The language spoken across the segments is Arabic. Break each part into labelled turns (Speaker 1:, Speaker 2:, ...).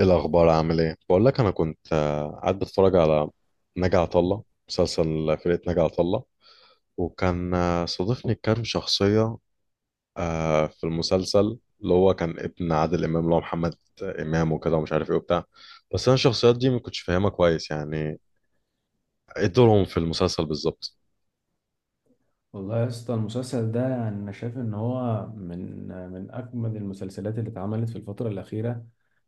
Speaker 1: ايه الاخبار، عامل ايه؟ بقول لك، انا كنت قاعد بتفرج على ناجي عطا الله، مسلسل فرقه ناجي عطا الله. وكان صادفني كام شخصيه في المسلسل، اللي هو كان ابن عادل امام اللي هو محمد امام وكده ومش عارف ايه وبتاع. بس انا الشخصيات دي ما كنتش فاهمها كويس، يعني ايه دورهم في المسلسل بالظبط؟
Speaker 2: والله يا اسطى، المسلسل ده يعني انا شايف ان هو من اجمد المسلسلات اللي اتعملت في الفتره الاخيره.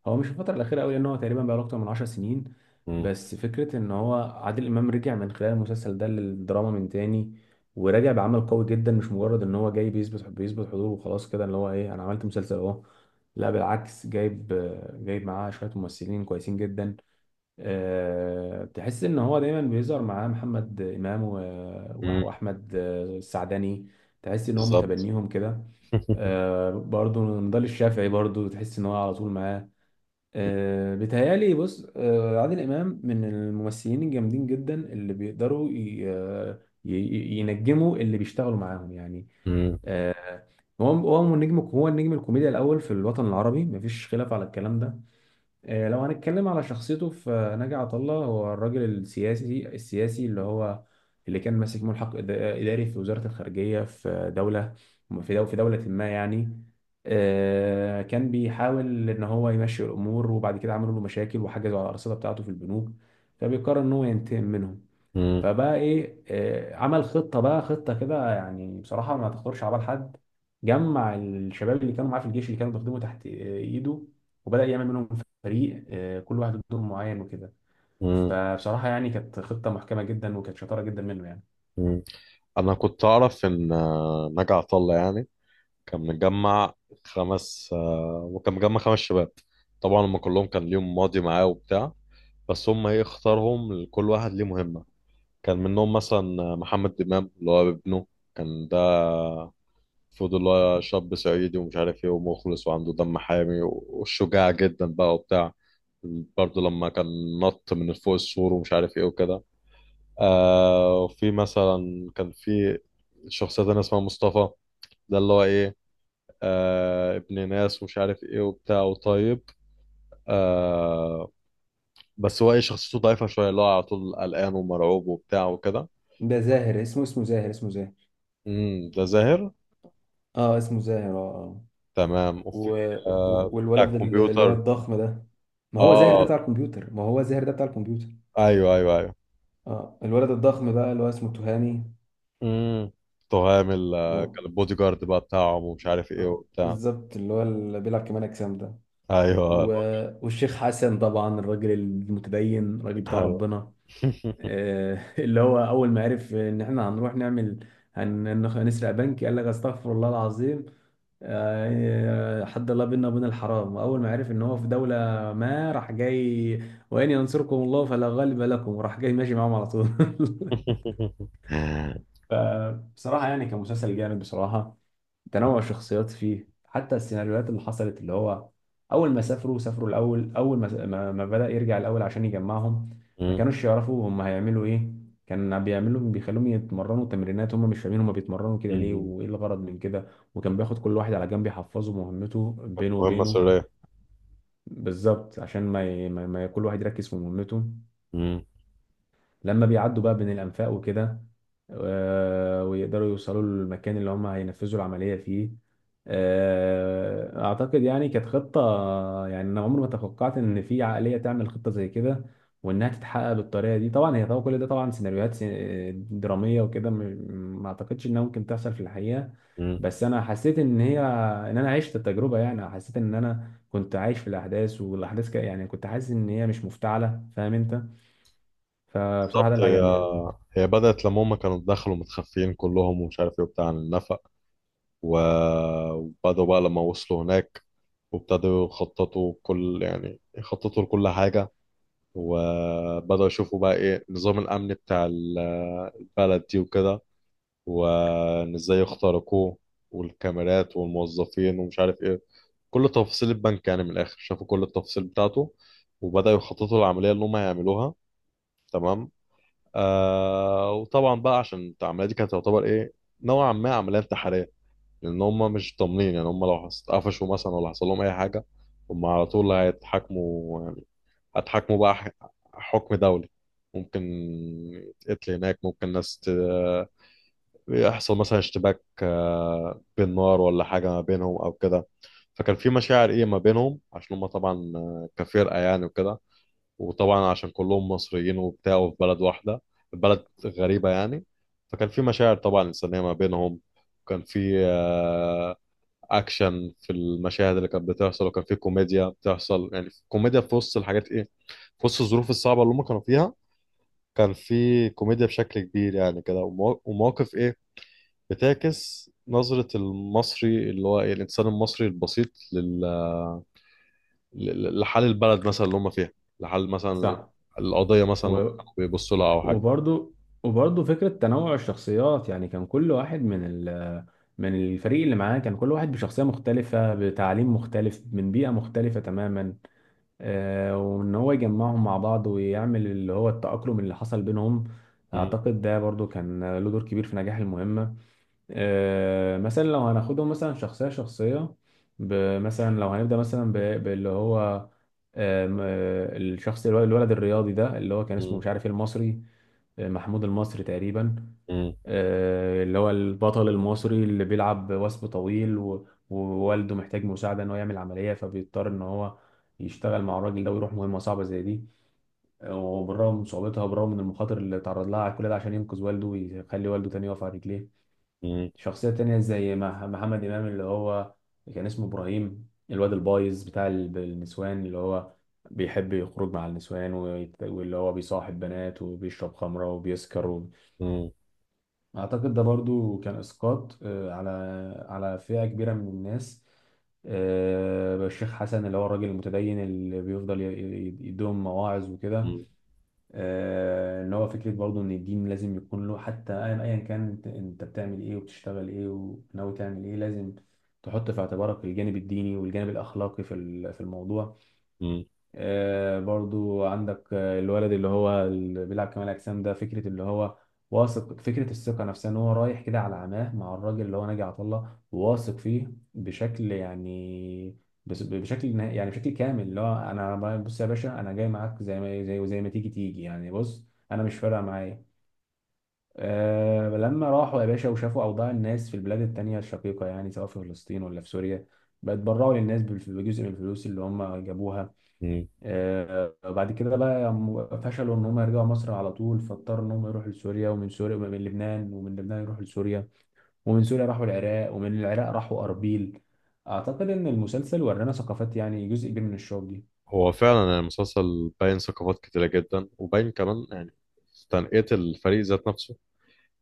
Speaker 2: هو مش الفتره الاخيره قوي، لان هو تقريبا بقاله اكتر من 10 سنين.
Speaker 1: مم.
Speaker 2: بس فكره ان هو عادل امام رجع من خلال المسلسل ده للدراما من تاني، ورجع بعمل قوي جدا، مش مجرد ان هو جاي بيثبت حضوره وخلاص كده، اللي هو ايه، انا عملت مسلسل اهو. لا، بالعكس، جايب معاه شويه ممثلين كويسين جدا. تحس ان هو دايما بيظهر معاه محمد امام
Speaker 1: مم.
Speaker 2: واحمد السعدني. تحس ان هو
Speaker 1: بالظبط.
Speaker 2: متبنيهم كده. برضو نضال الشافعي، برضو تحس ان هو على طول معاه. بيتهيألي، بص، عادل امام من الممثلين الجامدين جدا اللي بيقدروا ينجموا اللي بيشتغلوا معاهم يعني.
Speaker 1: مم.
Speaker 2: هو هو النجم الكوميديا الاول في الوطن العربي، مفيش خلاف على الكلام ده. لو هنتكلم على شخصيته، فناجي عطا الله هو الراجل السياسي، اللي هو اللي كان ماسك ملحق إداري في وزارة الخارجية، في دولة ما يعني. كان بيحاول إن هو يمشي الأمور، وبعد كده عملوا له مشاكل وحجزوا على الأرصدة بتاعته في البنوك، فبيقرر إن هو ينتقم منهم.
Speaker 1: مم.
Speaker 2: فبقى ايه، عمل خطه بقى، خطه كده يعني بصراحه ما تخطرش على بال حد. جمع الشباب اللي كانوا معاه في الجيش، اللي كانوا بيخدموا تحت ايده، وبدا يعمل منهم فريق، كل واحد له دور معين وكده.
Speaker 1: مم.
Speaker 2: فبصراحه يعني كانت خطه محكمه جدا، وكانت شطاره جدا منه يعني.
Speaker 1: مم. انا كنت اعرف ان ناجي عطا الله يعني كان مجمع خمس آه، وكان مجمع خمس شباب. طبعا هم كلهم كان ليهم ماضي معاه وبتاع، بس هم ايه اختارهم، كل واحد ليه مهمة. كان منهم مثلا محمد إمام اللي هو ابنه. كان ده المفروض اللي هو شاب صعيدي ومش عارف ايه ومخلص وعنده دم حامي وشجاع جدا بقى وبتاع. برضه لما كان نط من فوق السور ومش عارف ايه وكده. وفي مثلا كان في شخصية تانية اسمها مصطفى، ده اللي هو ايه، ابن ناس ومش عارف ايه وبتاع وطيب. آه بس هو ايه، شخصيته ضعيفة شوية، اللي هو على طول قلقان ومرعوب وبتاع وكده.
Speaker 2: ده زاهر، اسمه زاهر، اسمه زاهر.
Speaker 1: ده زاهر.
Speaker 2: اه، اسمه زاهر، اه، اه.
Speaker 1: تمام.
Speaker 2: و...
Speaker 1: وفي بتاع
Speaker 2: والولد اللي هو
Speaker 1: الكمبيوتر.
Speaker 2: الضخم ده. ما هو زاهر ده
Speaker 1: اه،
Speaker 2: بتاع الكمبيوتر، ما هو زاهر ده بتاع الكمبيوتر.
Speaker 1: ايوه ايوه ايوه.
Speaker 2: اه، الولد الضخم بقى اللي هو اسمه تهامي.
Speaker 1: امم تهام ال- آه، كان البودي جارد بقى بتاعهم ومش عارف ايه
Speaker 2: اه،
Speaker 1: وبتاع.
Speaker 2: بالظبط، اللي هو اللي بيلعب كمال اجسام ده.
Speaker 1: ايوه
Speaker 2: و... والشيخ حسن طبعا، الراجل المتدين، الراجل بتاع
Speaker 1: ايوه.
Speaker 2: ربنا. اللي هو اول ما عرف ان احنا هنروح نعمل، هنسرق بنك، قال لك استغفر الله العظيم، حد الله بينا وبين الحرام. واول ما عرف ان هو في دوله ما، راح جاي وان ينصركم الله فلا غالب لكم، وراح جاي ماشي معاهم على طول فبصراحه يعني كان مسلسل جامد بصراحه. تنوع الشخصيات فيه، حتى السيناريوهات اللي حصلت اللي هو، اول ما سافروا الاول، اول ما بدأ يرجع الاول عشان يجمعهم، ما
Speaker 1: أمم،
Speaker 2: كانوش يعرفوا هم هيعملوا ايه. كان بيعملوا، بيخلوهم يتمرنوا تمرينات، هم مش فاهمين هم بيتمرنوا كده ليه
Speaker 1: أمم.
Speaker 2: وايه الغرض من كده. وكان بياخد كل واحد على جنب يحفظه مهمته
Speaker 1: كانت
Speaker 2: بينه
Speaker 1: مهمة
Speaker 2: وبينه.
Speaker 1: سرية.
Speaker 2: بالظبط عشان ما, ي... ما ما كل واحد يركز في مهمته.
Speaker 1: أمم،
Speaker 2: لما بيعدوا بقى بين الأنفاق وكده، ويقدروا يوصلوا للمكان اللي هم هينفذوا العملية فيه. أعتقد يعني كانت خطة، يعني أنا عمري ما توقعت إن في عقلية تعمل خطة زي كده، وإنها تتحقق بالطريقة دي. طبعا هي طبعا كل ده طبعا سيناريوهات درامية وكده، ما أعتقدش إنها ممكن تحصل في الحقيقة.
Speaker 1: أمم.
Speaker 2: بس أنا حسيت إن هي، إن أنا عشت التجربة يعني، حسيت إن أنا كنت عايش في الأحداث والأحداث يعني كنت حاسس إن هي مش مفتعلة، فاهم أنت؟ فبصراحة ده
Speaker 1: بالظبط.
Speaker 2: اللي
Speaker 1: هي
Speaker 2: عجبني يعني.
Speaker 1: هي بدأت لما هم كانوا دخلوا متخفيين كلهم ومش عارف ايه وبتاع عن النفق. وبدأوا بقى لما وصلوا هناك، وابتدوا يخططوا كل، يعني يخططوا لكل حاجة، وبدأوا يشوفوا بقى ايه النظام الأمني بتاع البلد دي وكده، وإن ازاي يخترقوه، والكاميرات والموظفين ومش عارف ايه. كل تفاصيل البنك، يعني من الآخر شافوا كل التفاصيل بتاعته، وبدأوا يخططوا العملية اللي هم هيعملوها. تمام. وطبعا بقى، عشان العمليه دي كانت تعتبر ايه، نوعا ما عمليه انتحاريه، لان هم مش ضامنين يعني. هم لو اتقفشوا مثلا ولا حصل لهم اي حاجه، هم على طول هيتحاكموا يعني، هيتحاكموا بقى حكم دولي. ممكن يتقتل هناك، ممكن يحصل مثلا اشتباك بالنار ولا حاجه ما بينهم او كده. فكان في مشاعر ايه ما بينهم، عشان هم طبعا كفرقه يعني وكده، وطبعا عشان كلهم مصريين وبتاع وفي بلد واحدة، بلد غريبة يعني. فكان في مشاعر طبعا إنسانية ما بينهم، وكان في أكشن في المشاهد اللي كانت بتحصل، وكان في كوميديا بتحصل، يعني كوميديا في وسط الحاجات إيه، في وسط الظروف الصعبة اللي هم كانوا فيها. كان في كوميديا بشكل كبير يعني كده، ومواقف إيه بتعكس نظرة المصري، اللي هو إيه، الإنسان المصري البسيط، لحال البلد مثلا اللي هم فيها، لحال مثلا
Speaker 2: صح.
Speaker 1: القضية مثلا اللي هم
Speaker 2: و...
Speaker 1: كانوا بيبصوا لها أو حاجة.
Speaker 2: وبرضو وبرضو فكرة تنوع الشخصيات يعني، كان كل واحد من من الفريق اللي معاه، كان كل واحد بشخصية مختلفة، بتعليم مختلف، من بيئة مختلفة تماما. آه، وإن هو يجمعهم مع بعض ويعمل اللي هو التأقلم اللي حصل بينهم.
Speaker 1: مم.
Speaker 2: أعتقد ده برضو كان له دور كبير في نجاح المهمة. مثلا لو هناخدهم مثلا شخصية، مثلا لو هنبدأ مثلا باللي هو، آم، آه، الشخص، الولد الرياضي ده اللي هو كان اسمه
Speaker 1: مم.
Speaker 2: مش عارف إيه، المصري، محمود المصري تقريبا.
Speaker 1: مم.
Speaker 2: اللي هو البطل المصري اللي بيلعب وثب طويل، ووالده محتاج مساعدة ان هو يعمل عملية، فبيضطر ان هو يشتغل مع الراجل ده ويروح مهمة صعبة زي دي. وبالرغم من صعوبتها وبالرغم من المخاطر اللي تعرض لها على كل ده، عشان ينقذ والده ويخلي والده تاني يقف على رجليه.
Speaker 1: مم.
Speaker 2: شخصية تانية زي محمد إمام، اللي هو كان اسمه إبراهيم، الواد البايظ بتاع النسوان، اللي هو بيحب يخرج مع النسوان واللي هو بيصاحب بنات وبيشرب خمرة وبيسكر.
Speaker 1: مم.
Speaker 2: أعتقد ده برضو كان إسقاط على فئة كبيرة من الناس. الشيخ حسن اللي هو الراجل المتدين، اللي بيفضل يديهم مواعظ وكده.
Speaker 1: مم.
Speaker 2: ان هو فكره برضو ان الدين لازم يكون له حتى، ايا أياً كان، أنت بتعمل ايه وبتشتغل ايه وناوي تعمل ايه، لازم تحط في اعتبارك الجانب الديني والجانب الاخلاقي في في الموضوع.
Speaker 1: مم.
Speaker 2: برضو عندك الولد اللي هو اللي بيلعب كمال اجسام ده، فكره اللي هو واثق، فكره الثقه نفسها ان هو رايح كده على عماه مع الراجل اللي هو ناجي عطا الله، وواثق فيه بشكل يعني، بس بشكل يعني بشكل كامل، اللي هو، بص يا باشا، انا جاي معاك زي ما زي وزي ما تيجي يعني، بص، انا مش فارقه معايا. أه، لما راحوا يا باشا وشافوا اوضاع الناس في البلاد التانية الشقيقه، يعني سواء في فلسطين ولا في سوريا، بقت بيتبرعوا للناس بجزء من الفلوس اللي هم جابوها.
Speaker 1: مم.
Speaker 2: بعد كده بقى هم فشلوا ان هم يرجعوا مصر على طول، فاضطروا ان هم يروحوا لسوريا، ومن سوريا ومن لبنان، يروحوا لسوريا، ومن سوريا راحوا العراق، ومن العراق راحوا اربيل. اعتقد ان المسلسل ورانا ثقافات يعني جزء كبير من الشعوب دي.
Speaker 1: هو فعلا يعني المسلسل باين ثقافات كتيرة جدا، وباين كمان يعني تنقية الفريق ذات نفسه.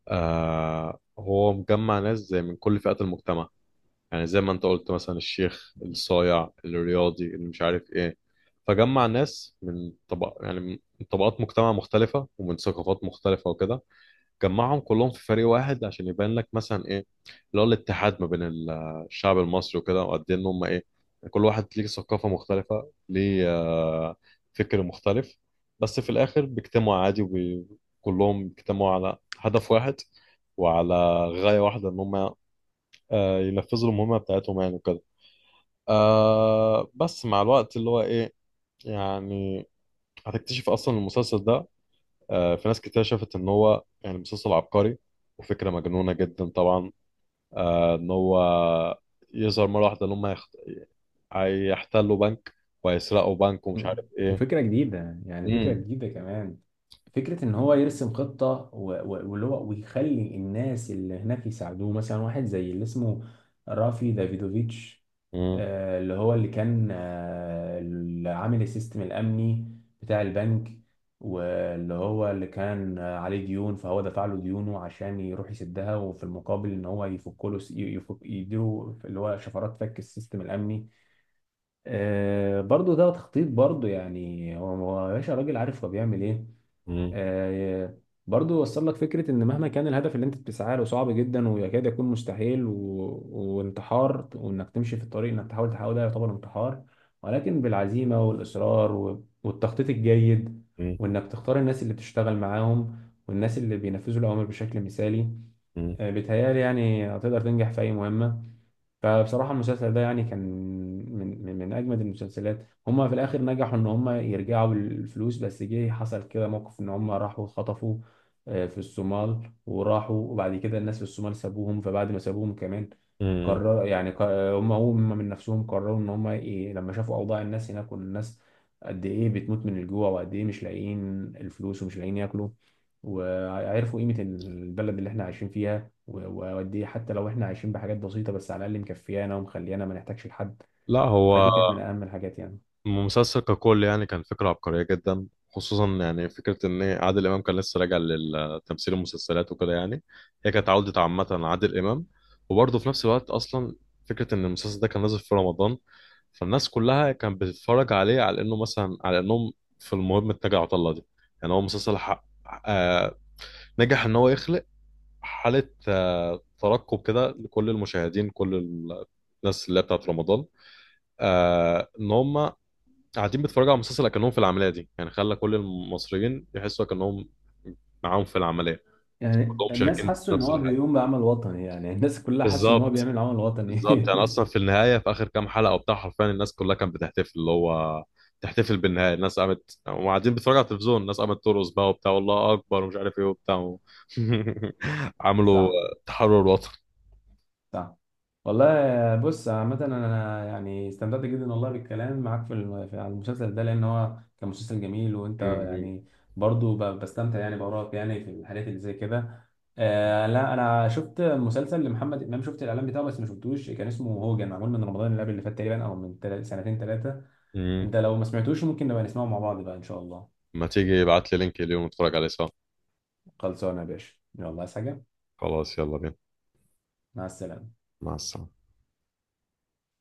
Speaker 1: هو مجمع ناس زي من كل فئات المجتمع، يعني زي ما انت قلت مثلا الشيخ، الصايع، الرياضي اللي مش عارف ايه. فجمع ناس من طبق، يعني من طبقات مجتمع مختلفة ومن ثقافات مختلفة وكده. جمعهم كلهم في فريق واحد عشان يبان لك مثلا ايه، اللي هو الاتحاد ما بين الشعب المصري وكده، وقد ايه ان هم ايه، كل واحد ليه ثقافة مختلفة، ليه فكر مختلف. بس في الاخر بيجتمعوا عادي، وكلهم بيجتمعوا على هدف واحد وعلى غاية واحدة، ان هم ينفذوا المهمة بتاعتهم يعني وكده. بس مع الوقت اللي هو ايه، يعني هتكتشف اصلا المسلسل ده في ناس كتير شافت ان هو يعني مسلسل عبقري وفكره مجنونه جدا طبعا. ان هو يظهر مره واحده ان هم هيحتلوا بنك، وهيسرقوا بنك ومش
Speaker 2: مم.
Speaker 1: عارف ايه.
Speaker 2: وفكرة جديدة يعني، فكرة
Speaker 1: مم.
Speaker 2: جديدة كمان. فكرة إن هو يرسم خطة، واللي هو ويخلي الناس اللي هناك يساعدوه، مثلا واحد زي اللي اسمه رافي دافيدوفيتش،
Speaker 1: مم.
Speaker 2: اللي هو اللي كان، اللي عامل السيستم الأمني بتاع البنك، واللي هو اللي كان عليه ديون، فهو دفع له ديونه عشان يروح يسدها، وفي المقابل إن هو يفك له، س- يفك يديله اللي هو شفرات فك السيستم الأمني. برضو ده تخطيط برضو، يعني هو يا باشا راجل عارف هو بيعمل ايه.
Speaker 1: مم.
Speaker 2: آه برضو وصل لك فكرة ان مهما كان الهدف اللي انت بتسعى له صعب جدا ويكاد يكون مستحيل، وانتحار، وانك تمشي في الطريق، انك تحاول ده يعتبر انتحار، ولكن بالعزيمة والاصرار والتخطيط الجيد،
Speaker 1: مم.
Speaker 2: وانك تختار الناس اللي بتشتغل معاهم، والناس اللي بينفذوا الاوامر بشكل مثالي.
Speaker 1: مم.
Speaker 2: بيتهيألي يعني هتقدر تنجح في اي مهمة. فبصراحة المسلسل ده يعني كان من أجمد المسلسلات. هما في الآخر نجحوا إن هما يرجعوا بالفلوس، بس جه حصل كده موقف إن هما راحوا خطفوا في الصومال، وراحوا وبعد كده الناس في الصومال سابوهم. فبعد ما سابوهم كمان،
Speaker 1: مم.
Speaker 2: قرر يعني ق- هما من نفسهم قرروا إن هما إيه، لما شافوا أوضاع الناس هناك، والناس قد إيه بتموت من الجوع وقد إيه مش لاقيين الفلوس ومش لاقيين ياكلوا، وعرفوا قيمة البلد اللي إحنا عايشين فيها، واوديه، حتى لو احنا عايشين بحاجات بسيطه، بس على الاقل مكفيانا ومخليانا ما نحتاجش لحد.
Speaker 1: لا، هو
Speaker 2: فدي كانت من اهم الحاجات يعني.
Speaker 1: المسلسل ككل يعني كان فكرة عبقرية جدا. خصوصا يعني فكرة إن عادل إمام كان لسه راجع لتمثيل المسلسلات وكده يعني. هي كانت عودة عامة، عادل إمام، وبرضه في نفس الوقت أصلا فكرة إن المسلسل ده كان نازل في رمضان. فالناس كلها كانت بتتفرج عليه على إنه مثلا، على إنهم في المهم اتجه عطلة دي، يعني هو مسلسل حق. آه نجح إن هو يخلق حالة ترقب كده لكل المشاهدين، كل الناس اللي هي بتاعت رمضان. ان هم قاعدين بيتفرجوا على مسلسل اكنهم في العمليه دي يعني. خلى كل المصريين يحسوا اكنهم معاهم في العمليه،
Speaker 2: يعني
Speaker 1: كلهم
Speaker 2: الناس
Speaker 1: شاركين في
Speaker 2: حسوا ان
Speaker 1: نفس
Speaker 2: هو
Speaker 1: الحاجه.
Speaker 2: بيقوم بعمل وطني، يعني الناس كلها حسوا ان هو
Speaker 1: بالظبط.
Speaker 2: بيعمل عمل وطني.
Speaker 1: بالظبط، يعني اصلا في النهايه، في اخر كام حلقه وبتاع، حرفيا الناس كلها كانت بتحتفل، اللي هو تحتفل بالنهايه. الناس قامت وقاعدين بيتفرجوا على التلفزيون، الناس قامت ترقص بقى وبتاع والله اكبر ومش عارف ايه وبتاع. عملوا
Speaker 2: صح.
Speaker 1: تحرر وطني.
Speaker 2: صح. والله. بص، عامة أنا يعني استمتعت جدا والله بالكلام معاك في على المسلسل ده، لأن هو كان مسلسل جميل، وأنت
Speaker 1: م-
Speaker 2: يعني برضو بستمتع يعني بأراك يعني في الحاجات اللي زي كده. آه لا، أنا شفت مسلسل لمحمد إمام، شفت الإعلان بتاعه بس ما شفتوش، كان اسمه هوجن، معمول من رمضان اللي قبل اللي فات تقريبا، أو من سنتين ثلاثة.
Speaker 1: م- م.
Speaker 2: أنت لو ما سمعتوش، ممكن نبقى نسمعه مع بعض بقى إن شاء الله.
Speaker 1: ما تيجي ابعت لي لينك اليوم نتفرج عليه سوا.
Speaker 2: خلصانة يا باشا، يلا، عايز حاجة؟
Speaker 1: خلاص، يلا بينا.
Speaker 2: مع السلامة.
Speaker 1: مع السلامه.